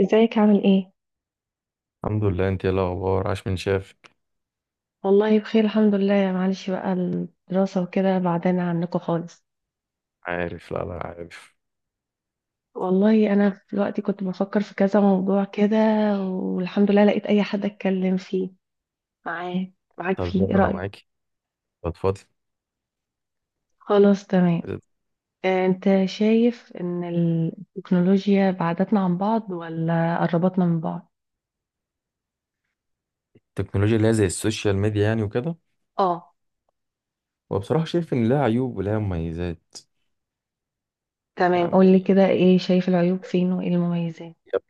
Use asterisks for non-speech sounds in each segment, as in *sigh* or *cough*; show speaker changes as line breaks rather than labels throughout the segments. ازيك عامل ايه؟
الحمد لله، انت ايه الاخبار؟ عاش من شافك.
والله بخير الحمد لله. معلش بقى الدراسة وكده بعدنا عنكم خالص.
عارف، لا لا، عارف.
والله انا في الوقت كنت بفكر في كذا موضوع كده، والحمد لله لقيت اي حد اتكلم فيه معاه، معاك
طب،
فيه.
يلا،
ايه
انا
رأيك؟
معاكي. اتفضل.
خلاص تمام. انت شايف ان التكنولوجيا بعدتنا عن بعض ولا قربتنا من بعض؟
التكنولوجيا اللي هي زي السوشيال ميديا يعني وكده.
اه.
وبصراحة شايف ان لها عيوب ولها مميزات.
تمام، قولي
يعني
كده، ايه شايف العيوب فين وايه المميزات؟
هي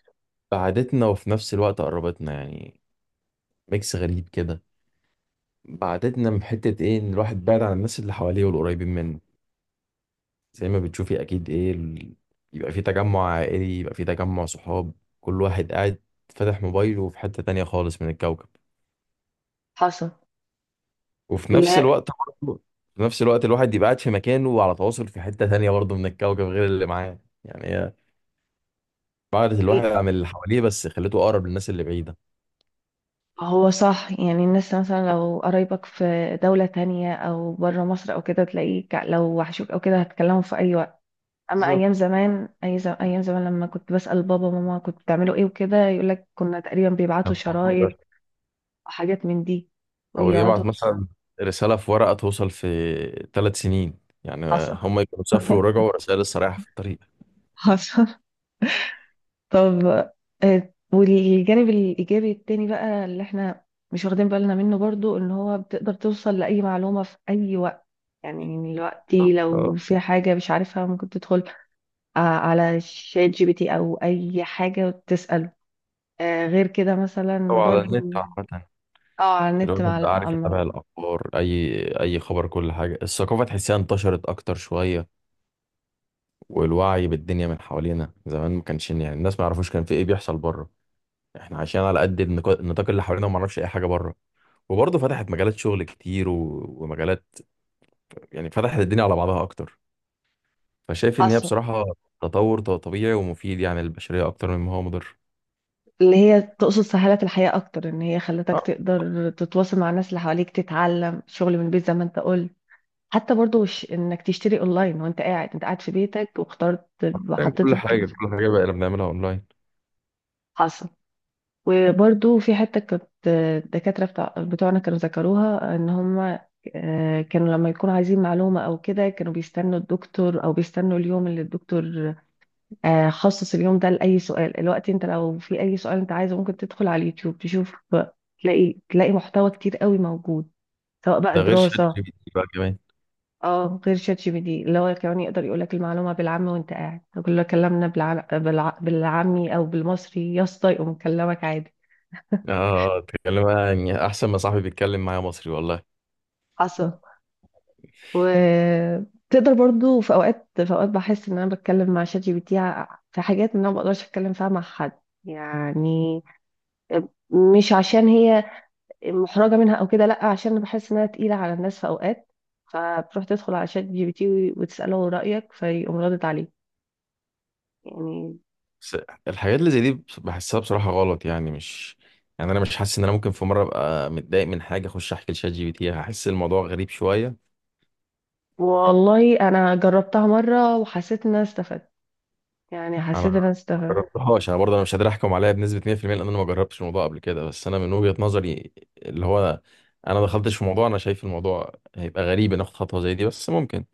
بعدتنا وفي نفس الوقت قربتنا، يعني ميكس غريب كده. بعدتنا من حتة ايه، ان الواحد بعد عن الناس اللي حواليه والقريبين منه. زي ما بتشوفي اكيد ايه يبقى في تجمع عائلي، يبقى في تجمع صحاب. كل واحد قاعد فاتح موبايله في حتة تانية خالص من الكوكب.
حصل.
وفي نفس
لا.
الوقت، برضه في نفس الوقت الواحد يبقى قاعد في مكانه وعلى تواصل في حتة تانية برضه من الكوكب غير اللي معاه. يعني هي بعدت الواحد عن اللي حواليه، بس خليته أقرب للناس اللي بعيدة.
هو صح، يعني الناس مثلا لو قرايبك في دولة تانية أو بره مصر أو كده، تلاقيك لو وحشوك أو كده هتكلموا في أي وقت. أما
بالظبط.
أيام زمان، أيام زمان لما كنت بسأل بابا وماما كنت بتعملوا إيه وكده، يقولك كنا تقريبا بيبعتوا شرايط أو حاجات من دي
أو يبعت
ويقعدوا.
مثلا رسالة في ورقة توصل في 3 سنين يعني.
حصل.
هم يكونوا
*laughs*
سافروا ورجعوا رسائل لسه رايحة في الطريق.
حصل. طب والجانب الإيجابي التاني بقى اللي احنا مش واخدين بالنا منه برضو، إن هو بتقدر توصل لأي معلومة في أي وقت. يعني دلوقتي لو
أه.
في حاجة مش عارفها ممكن تدخل على شات جي بي تي أو أي حاجة وتسأله. غير كده
أو
مثلا
على النت
برضو.
عامة.
اه على النت. مع
الواحد بقى عارف
أما
يتابع الأخبار، أي خبر، كل حاجة. الثقافة تحسها انتشرت أكتر شوية. والوعي بالدنيا من حوالينا، زمان ما كانش يعني الناس ما يعرفوش كان في ايه بيحصل بره. احنا عايشين على قد النطاق اللي حوالينا، وما نعرفش اي حاجه بره. وبرضه فتحت مجالات شغل كتير ومجالات، يعني فتحت الدنيا على بعضها اكتر. فشايف ان هي
حصل،
بصراحه تطور طبيعي ومفيد يعني للبشريه، اكتر مما هو مضر.
اللي هي تقصد سهلت الحياة أكتر، إن هي خلتك
اه.
تقدر تتواصل مع الناس اللي حواليك، تتعلم شغل من البيت زي ما أنت قلت. حتى برضو إنك تشتري أونلاين وأنت قاعد، أنت قاعد في بيتك واخترت
يعني
وحطيت
كل حاجه كل حاجه بقى اللي بنعملها اونلاين.
حصل. وبرضو في حتة كانت الدكاترة بتاع بتوعنا كانوا ذكروها، ان هم كانوا لما يكونوا عايزين معلومة او كده كانوا بيستنوا الدكتور او بيستنوا اليوم اللي الدكتور خصص اليوم ده لأي سؤال. الوقت انت لو في اي سؤال انت عايزه ممكن تدخل على اليوتيوب تشوف، تلاقي محتوى كتير قوي موجود، سواء بقى
ده غير شات
دراسة.
جي بي تي بقى كمان.
اه غير شات جي بي دي، اللي هو كمان يقدر يقول لك المعلومة بالعامي وانت قاعد، كلنا كلامنا بالعامي او بالمصري يا اسطى، يقوم مكلمك عادي.
اه، اتكلم يعني احسن ما صاحبي بيتكلم معايا مصري والله.
حصل. وتقدر برضو في اوقات بحس ان انا بتكلم مع شات جي بي تي في حاجات ان انا ما بقدرش اتكلم فيها مع حد، يعني مش عشان هي محرجة منها او كده، لا عشان انا بحس انها تقيلة على الناس في اوقات، فبتروح تدخل على شات جي بي تي وتسأله رأيك فيقوم ردت عليك، يعني.
بس الحاجات اللي زي دي بحسها بصراحة غلط يعني مش، يعني انا مش حاسس ان انا ممكن في مرة ابقى متضايق من حاجة اخش احكي لشات جي بي تي. هحس الموضوع غريب شوية.
والله انا جربتها مرة وحسيت ان انا استفدت، يعني
انا
حسيت ان انا
ما
استفدت.
جربتهاش، انا برضه انا مش قادر احكم عليها بنسبة 100% لان انا ما جربتش الموضوع قبل كده، بس انا من وجهة نظري اللي هو انا دخلتش في موضوع. انا شايف الموضوع هيبقى غريب ان اخد خطوة زي دي، بس ممكن.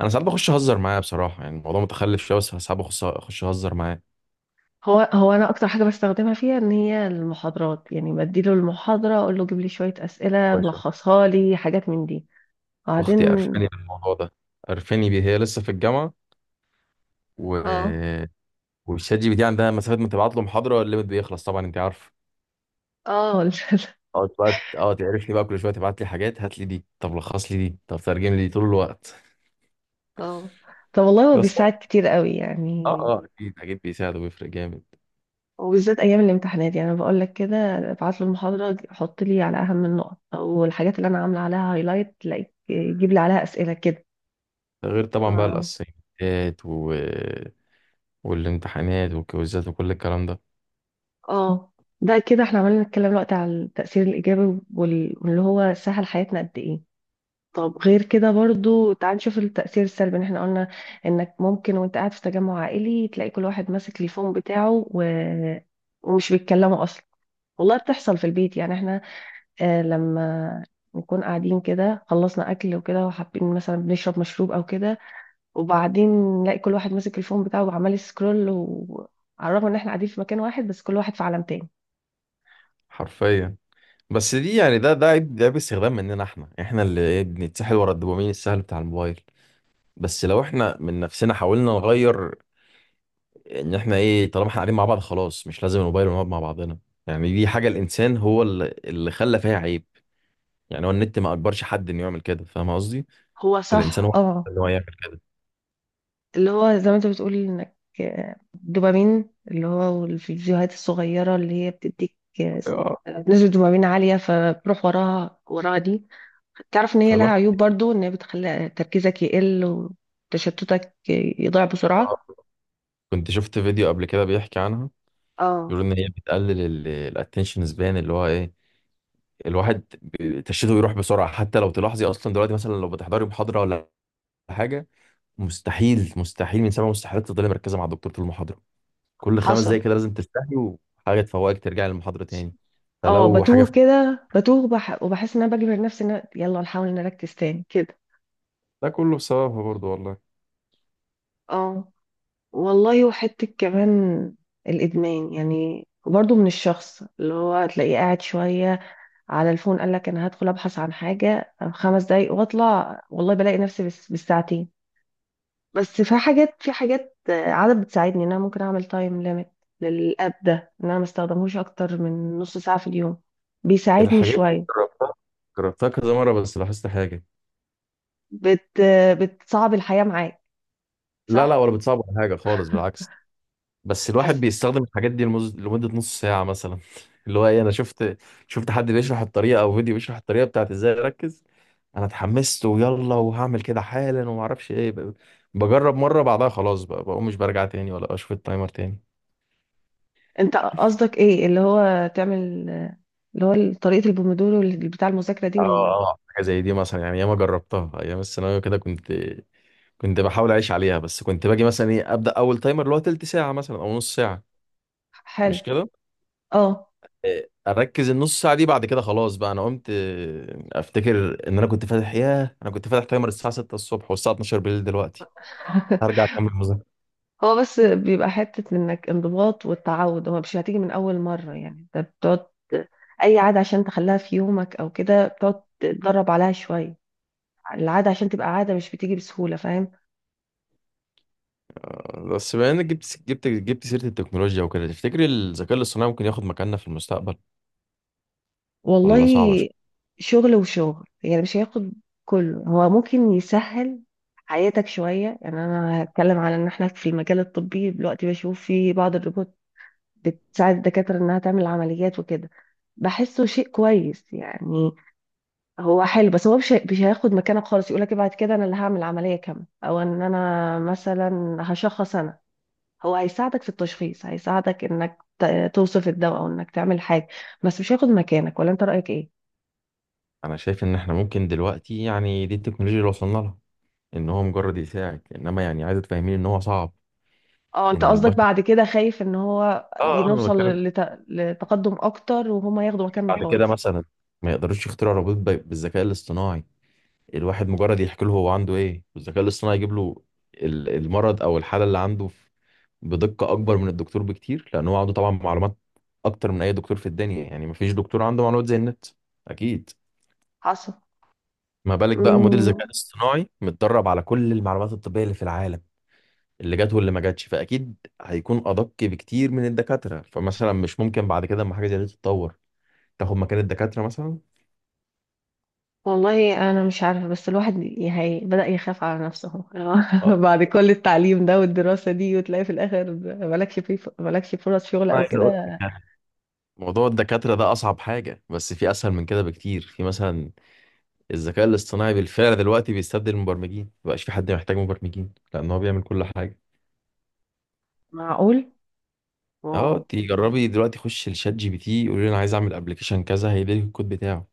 انا ساعات بخش اهزر معاه بصراحة، يعني الموضوع متخلف شوية، بس ساعات اخش اهزر معاه.
هو انا اكتر حاجه بستخدمها فيها ان هي المحاضرات، يعني بديله المحاضره اقول له جيب لي شويه اسئله،
كويس.
ملخصها لي حاجات من دي. وبعدين
اختي قرفاني بالموضوع ده، قرفاني بيه. هي لسه في الجامعة و
اه.
والشات جي بي تي عندها مسافه، ما تبعت له محاضره الليمت بيخلص طبعا، انت عارف.
اه. *laughs*
اقعد بقى تعرفني بقى كل شويه تبعت لي حاجات، هات لي دي، طب لخص لي دي، طب ترجم لي دي، طول الوقت.
اه. طب والله
*laughs*
هو
بس اه،
بيساعد كتير قوي
اه،
يعني.
أه، اكيد اكيد بيساعد وبيفرق جامد.
وبالذات ايام الامتحانات، يعني انا بقول لك كده، ابعت له المحاضره حط لي على اهم النقط او الحاجات اللي انا عامله عليها هايلايت، تلاقيك جيب لي عليها اسئله كده.
ده غير طبعا بقى
اه.
الاسايمنتات والامتحانات والكويزات وكل الكلام ده.
اه. ده كده احنا عمالين نتكلم دلوقتي على التاثير الايجابي واللي هو سهل حياتنا قد ايه. طب غير كده برضو تعال نشوف التأثير السلبي. ان احنا قلنا انك ممكن وانت قاعد في تجمع عائلي تلاقي كل واحد ماسك التليفون بتاعه و... ومش بيتكلموا اصلا. والله بتحصل في البيت، يعني احنا آه لما نكون قاعدين كده خلصنا اكل وكده وحابين مثلا بنشرب مشروب او كده، وبعدين نلاقي كل واحد ماسك التليفون بتاعه وعمال سكرول و... على الرغم ان احنا قاعدين في مكان واحد بس كل واحد في عالم تاني.
حرفيا. بس دي يعني ده عيب، استخدام مننا، احنا اللي بنتسحل ورا الدوبامين السهل بتاع الموبايل. بس لو احنا من نفسنا حاولنا نغير، ان احنا طالما احنا قاعدين مع بعض خلاص مش لازم الموبايل، ونقعد مع بعضنا. يعني دي حاجه الانسان هو اللي خلى فيها عيب. يعني هو النت ما اجبرش حد انه يعمل كده، فاهم قصدي؟
هو
الانسان
صح
هو
اه.
اللي هو يعمل كده.
اللي هو زي ما انت بتقول، انك دوبامين، اللي هو الفيديوهات الصغيرة اللي هي بتديك آه،
اه.
نسبة دوبامين عالية، فبروح وراها دي. تعرف ان هي لها
فالواحد.
عيوب برضو، ان هي بتخلي تركيزك يقل وتشتتك، يضيع
آه،
بسرعة.
كنت شفت فيديو قبل كده بيحكي عنها.
اه
بيقول ان هي بتقلل الاتنشن سبان، اللي هو ايه الواحد تشتته، يروح بسرعه. حتى لو تلاحظي اصلا دلوقتي، مثلا لو بتحضري محاضره ولا حاجه، مستحيل مستحيل من سبع مستحيلات تفضلي مركزه مع الدكتور طول المحاضره. كل خمس
حصل.
دقايق كده لازم تستحي وحاجة تفوقك، ترجع للمحاضرة تاني.
اه
فلو حاجة
بتوه
فاتتك-
كده بتوه بح وبحس ان انا بجبر نفسي ان يلا نحاول نركز تاني كده.
ده كله بسببها برضو والله.
اه. والله وحتة كمان الإدمان، يعني برضو من الشخص اللي هو تلاقيه قاعد شوية على الفون، قال لك انا هدخل ابحث عن حاجه 5 دقايق واطلع، والله بلاقي نفسي بس بالساعتين. بس في حاجات، في حاجات عادة بتساعدني ان انا ممكن اعمل تايم ليميت للاب ده، ان انا ما استخدمهوش اكتر من نص ساعه في اليوم. بيساعدني
الحاجات دي
شويه.
جربتها كذا مرة، بس لاحظت حاجة.
بت آه، بتصعب الحياه معاك
لا لا،
صح.
ولا بتصعب ولا حاجة خالص، بالعكس. بس الواحد
حسن
بيستخدم الحاجات دي لمدة نص ساعة مثلا. *laughs* اللي هو ايه، انا شفت حد بيشرح الطريقة او فيديو بيشرح الطريقة بتاعت ازاي اركز. انا اتحمست، ويلا وهعمل كده حالا وما اعرفش ايه ب-، بجرب مرة، بعدها خلاص بقى بقوم مش برجع تاني ولا اشوف التايمر تاني.
انت قصدك ايه، اللي هو تعمل اللي هو طريقه البومودورو اللي بتاع المذاكره دي
اه، اه، حاجه زي دي مثلا. يعني ياما جربتها ايام الثانويه كده، كنت بحاول اعيش عليها، بس كنت باجي مثلا ابدا اول تايمر اللي هو تلت ساعه مثلا او نص ساعه،
حلو.
مش كده.
اه.
اركز النص ساعه دي، بعد كده خلاص بقى انا قمت افتكر ان انا كنت فاتح، ياه انا كنت فاتح تايمر الساعه 6 الصبح والساعه 12 بالليل دلوقتي
*laughs*
هرجع اكمل مذاكره.
هو بس بيبقى حتة انك انضباط والتعود، هو مش هتيجي من اول مرة، يعني انت بتقعد اي عادة عشان تخليها في يومك او كده بتقعد تتدرب عليها شوية. العادة عشان تبقى عادة مش بتيجي بسهولة، فاهم.
بس بما انك جبت سيره التكنولوجيا وكده، تفتكر الذكاء الاصطناعي ممكن ياخد مكاننا في المستقبل ولا
والله
صعبه شوية؟
شغل وشغل، يعني مش هياخد كله، هو ممكن يسهل حياتك شوية. يعني انا هتكلم على ان احنا في المجال الطبي دلوقتي بشوف في بعض الروبوت بتساعد الدكاترة انها تعمل عمليات وكده، بحسه شيء كويس يعني. هو حلو، بس هو مش هياخد مكانك خالص يقولك بعد كده انا اللي هعمل عمليه كامله او ان انا مثلا هشخص انا. هو هيساعدك في التشخيص، هيساعدك انك توصف الدواء او انك تعمل حاجه، بس مش هياخد مكانك. ولا انت رايك ايه.
انا شايف ان احنا ممكن دلوقتي، يعني دي التكنولوجيا اللي وصلنا لها، ان هو مجرد يساعد، انما يعني عايز تفهمين ان هو صعب
اه انت
ان
قصدك
البشر،
بعد كده خايف ان هو
انا
نوصل
بتكلم في،
لت... لتقدم اكتر وهما ياخدوا مكاننا
بعد كده
خالص.
مثلا ما يقدروش يخترعوا روبوت بالذكاء الاصطناعي. الواحد مجرد يحكي له هو عنده ايه، والذكاء الاصطناعي يجيب له المرض او الحاله اللي عنده، بدقه اكبر من الدكتور بكتير، لان هو عنده طبعا معلومات اكتر من اي دكتور في الدنيا. يعني ما فيش دكتور عنده معلومات زي النت، اكيد.
حصل.
ما بالك بقى موديل
مم.
ذكاء اصطناعي متدرب على كل المعلومات الطبيه اللي في العالم، اللي جت واللي ما جاتش، فاكيد هيكون ادق بكتير من الدكاتره. فمثلا مش ممكن بعد كده اما حاجه زي دي تتطور، تاخد مكان الدكاتره مثلا؟
والله انا مش عارفه، بس الواحد هي بدأ يخاف على نفسه اهو.
آه،
*laughs* بعد كل التعليم ده والدراسه دي وتلاقي في الاخر مالكش فرص شغل
انا
او
عايز اقول لك
كده.
يعني، موضوع الدكاتره ده اصعب حاجه، بس في اسهل من كده بكتير. في مثلا الذكاء الاصطناعي بالفعل دلوقتي بيستبدل المبرمجين، مبقاش في حد محتاج مبرمجين لان هو بيعمل كل حاجه.
معقول.
اه،
واو.
تجربي دلوقتي، خش لشات جي بي تي قولي له انا عايز اعمل ابلكيشن كذا، هيديلك الكود بتاعه.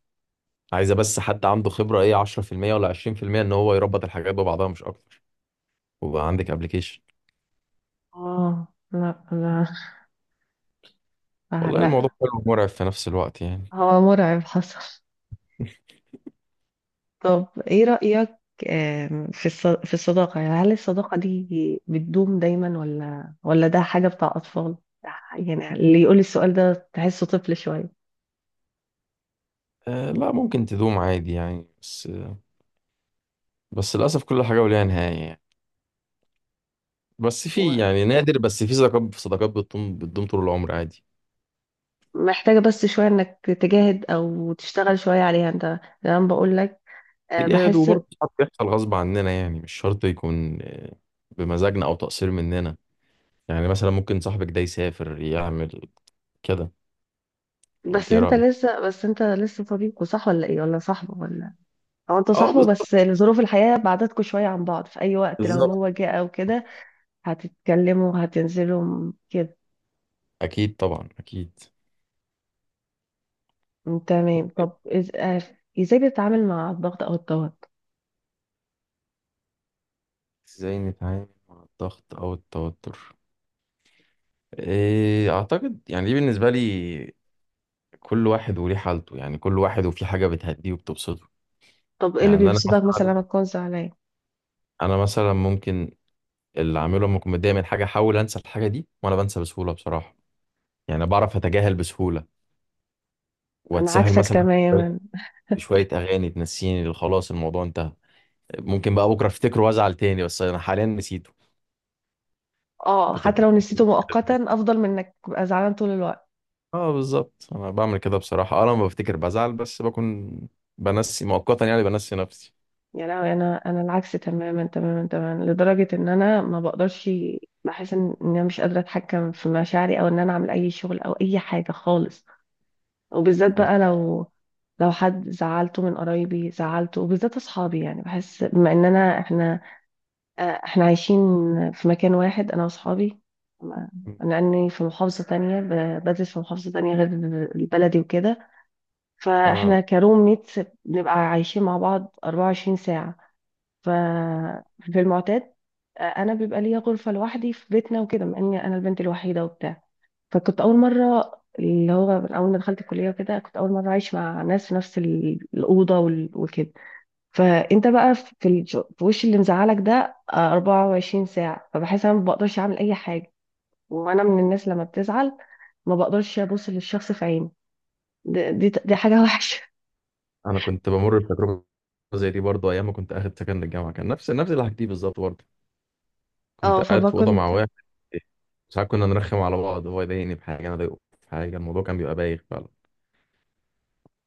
عايزه بس حد عنده خبره ايه 10% ولا 20% ان هو يربط الحاجات ببعضها مش اكتر، وبقى عندك ابلكيشن.
اه لا لا
والله الموضوع
لا.
حلو ومرعب في نفس الوقت يعني.
هو مرعب حصل. طب ايه رأيك في في الصداقه، يعني هل الصداقه دي بتدوم دايما ولا ده حاجه بتاع اطفال، يعني اللي يقول السؤال ده تحسه طفل شويه.
آه لا، ممكن تدوم عادي يعني، بس للأسف كل حاجة وليها نهاية يعني. بس في يعني نادر، بس في صداقات صداقات بتدوم بتدوم طول العمر عادي.
محتاجة بس شوية انك تجاهد او تشتغل شوية عليها انت، زي ما بقول لك
تجاهد،
بحس.
وبرضه ساعات بيحصل غصب عننا، يعني مش شرط يكون بمزاجنا أو تقصير مننا. يعني مثلا ممكن صاحبك ده يسافر، يعمل كده. ولا أنت
بس
إيه
انت
رأيك؟
لسه بس انت لسه صديقه صح ولا ايه ولا صاحبه ولا او انت
أه
صاحبه
بالظبط.
بس ظروف الحياة بعدتكوا شوية عن بعض، في اي وقت لو
بالظبط.
هو جه او كده هتتكلموا هتنزلوا كده.
أكيد طبعا أكيد.
تمام. طب ازاي بتتعامل مع الضغط او التوتر.
ازاي نتعامل مع الضغط او التوتر؟ اعتقد يعني دي بالنسبه لي، كل واحد وليه حالته. يعني كل واحد وفي حاجة بتهديه وبتبسطه.
طب ايه اللي
يعني أنا
بيبسطك مثلا لما
مثلا
تكون زعلان.
أنا مثلا ممكن، اللي أعمله لما أكون متضايق من حاجة أحاول أنسى الحاجة دي، وأنا بنسى بسهولة بصراحة. يعني بعرف أتجاهل بسهولة،
انا
وأتسهل
عكسك
مثلا بشوية.
تماما.
شوية أغاني تنسيني، اللي خلاص الموضوع انتهى. ممكن بقى بكرة أفتكره وأزعل تاني، بس أنا حاليا نسيته.
اه حتى
بتبقى.
لو نسيته
*laughs*
مؤقتا افضل من انك تبقى زعلان طول الوقت.
اه بالظبط، أنا بعمل كده بصراحة. أه لما بفتكر بزعل، بس بكون بنسي مؤقتا، يعني بنسي نفسي.
يا لهوي انا، انا العكس تماما لدرجه ان انا ما بقدرش، بحس ان انا مش قادره اتحكم في مشاعري او ان انا اعمل اي شغل او اي حاجه خالص. وبالذات بقى
يس.
لو، لو حد زعلته من قرايبي زعلته وبالذات اصحابي، يعني بحس بما اننا احنا احنا عايشين في مكان واحد انا واصحابي ما- لاني في محافظه تانية بدرس في محافظه تانية غير البلدي وكده،
اه،
فاحنا كروم ميتس بنبقى عايشين مع بعض 24 ساعه. ففي المعتاد انا بيبقى ليا غرفه لوحدي في بيتنا وكده، مع اني انا البنت الوحيده وبتاع. فكنت اول مره، اللي هو من اول ما دخلت الكليه وكده كنت اول مره عايش مع ناس في نفس الاوضه وكده. فانت بقى في في وش اللي مزعلك ده 24 ساعه، فبحس انا ما بقدرش اعمل اي حاجه. وانا من الناس لما بتزعل ما بقدرش ابص للشخص في عينه. دي حاجه *laughs* وحشه.
انا كنت بمر بتجربه زي دي برضه ايام ما كنت اخد سكن للجامعه. كان نفس اللي حكيتيه بالظبط برضه.
اه
كنت قاعد في اوضه مع
فبكنت.
واحد، ساعات كنا نرخم على بعض، هو يضايقني بحاجه، انا اضايقه بحاجه، الموضوع كان بيبقى بايخ فعلا.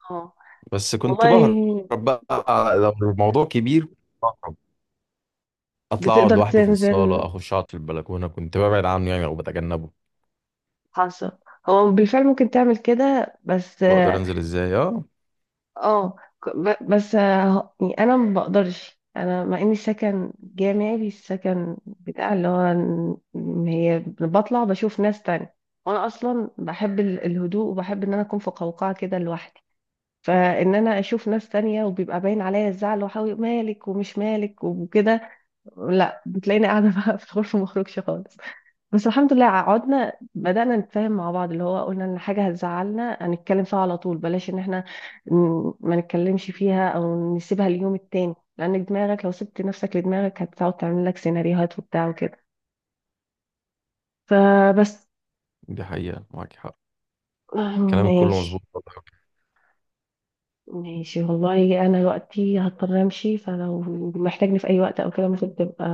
اه
بس كنت
والله.
بهرب
ك-
بقى، لو الموضوع كبير بهرب، اطلع اقعد
بتقدر
لوحدي في
تنزل.
الصاله، اخش اقعد في البلكونه، كنت ببعد عنه يعني او بتجنبه.
حصل. هو بالفعل ممكن تعمل كده بس
بقدر
اه
انزل، ازاي اه.
آه، ك- ب- بس آه، يعني انا ما بقدرش، انا مع اني سكن جامعي السكن بتاع اللي هو إن هي بطلع بشوف ناس تانية، وانا اصلا بحب الهدوء وبحب ان انا اكون في قوقعة كده لوحدي. فان انا اشوف ناس تانية وبيبقى باين عليا الزعل، وحاول مالك ومش مالك وكده، لا بتلاقيني قاعدة *laughs* بقى في الغرفة مخرجش خالص. بس الحمد لله قعدنا بدأنا نتفاهم مع بعض، اللي هو قلنا ان حاجة هتزعلنا هنتكلم فيها على طول، بلاش ان احنا ما نتكلمش فيها او نسيبها اليوم التاني، لان دماغك لو سبت نفسك لدماغك هتقعد تعمل لك سيناريوهات وبتاع وكده، فبس.
دي حقيقه، معاك حق.
*clears throat*
كلامك كله
ماشي.
مظبوط والله.
ماشي والله انا دلوقتي هضطر امشي، فلو محتاجني في اي وقت او كده ممكن تبقى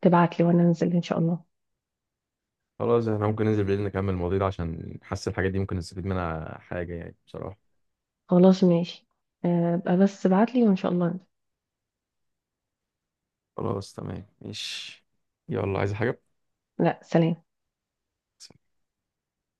تبعت لي وانا انزل ان شاء الله.
خلاص احنا ممكن ننزل بالليل نكمل المواضيع ده، عشان حاسس الحاجات دي ممكن نستفيد منها حاجه يعني بصراحه.
خلاص ماشي. ابقى بس ابعت لي وان شاء الله.
خلاص تمام ماشي. يلا، عايز حاجة؟
لا سلام.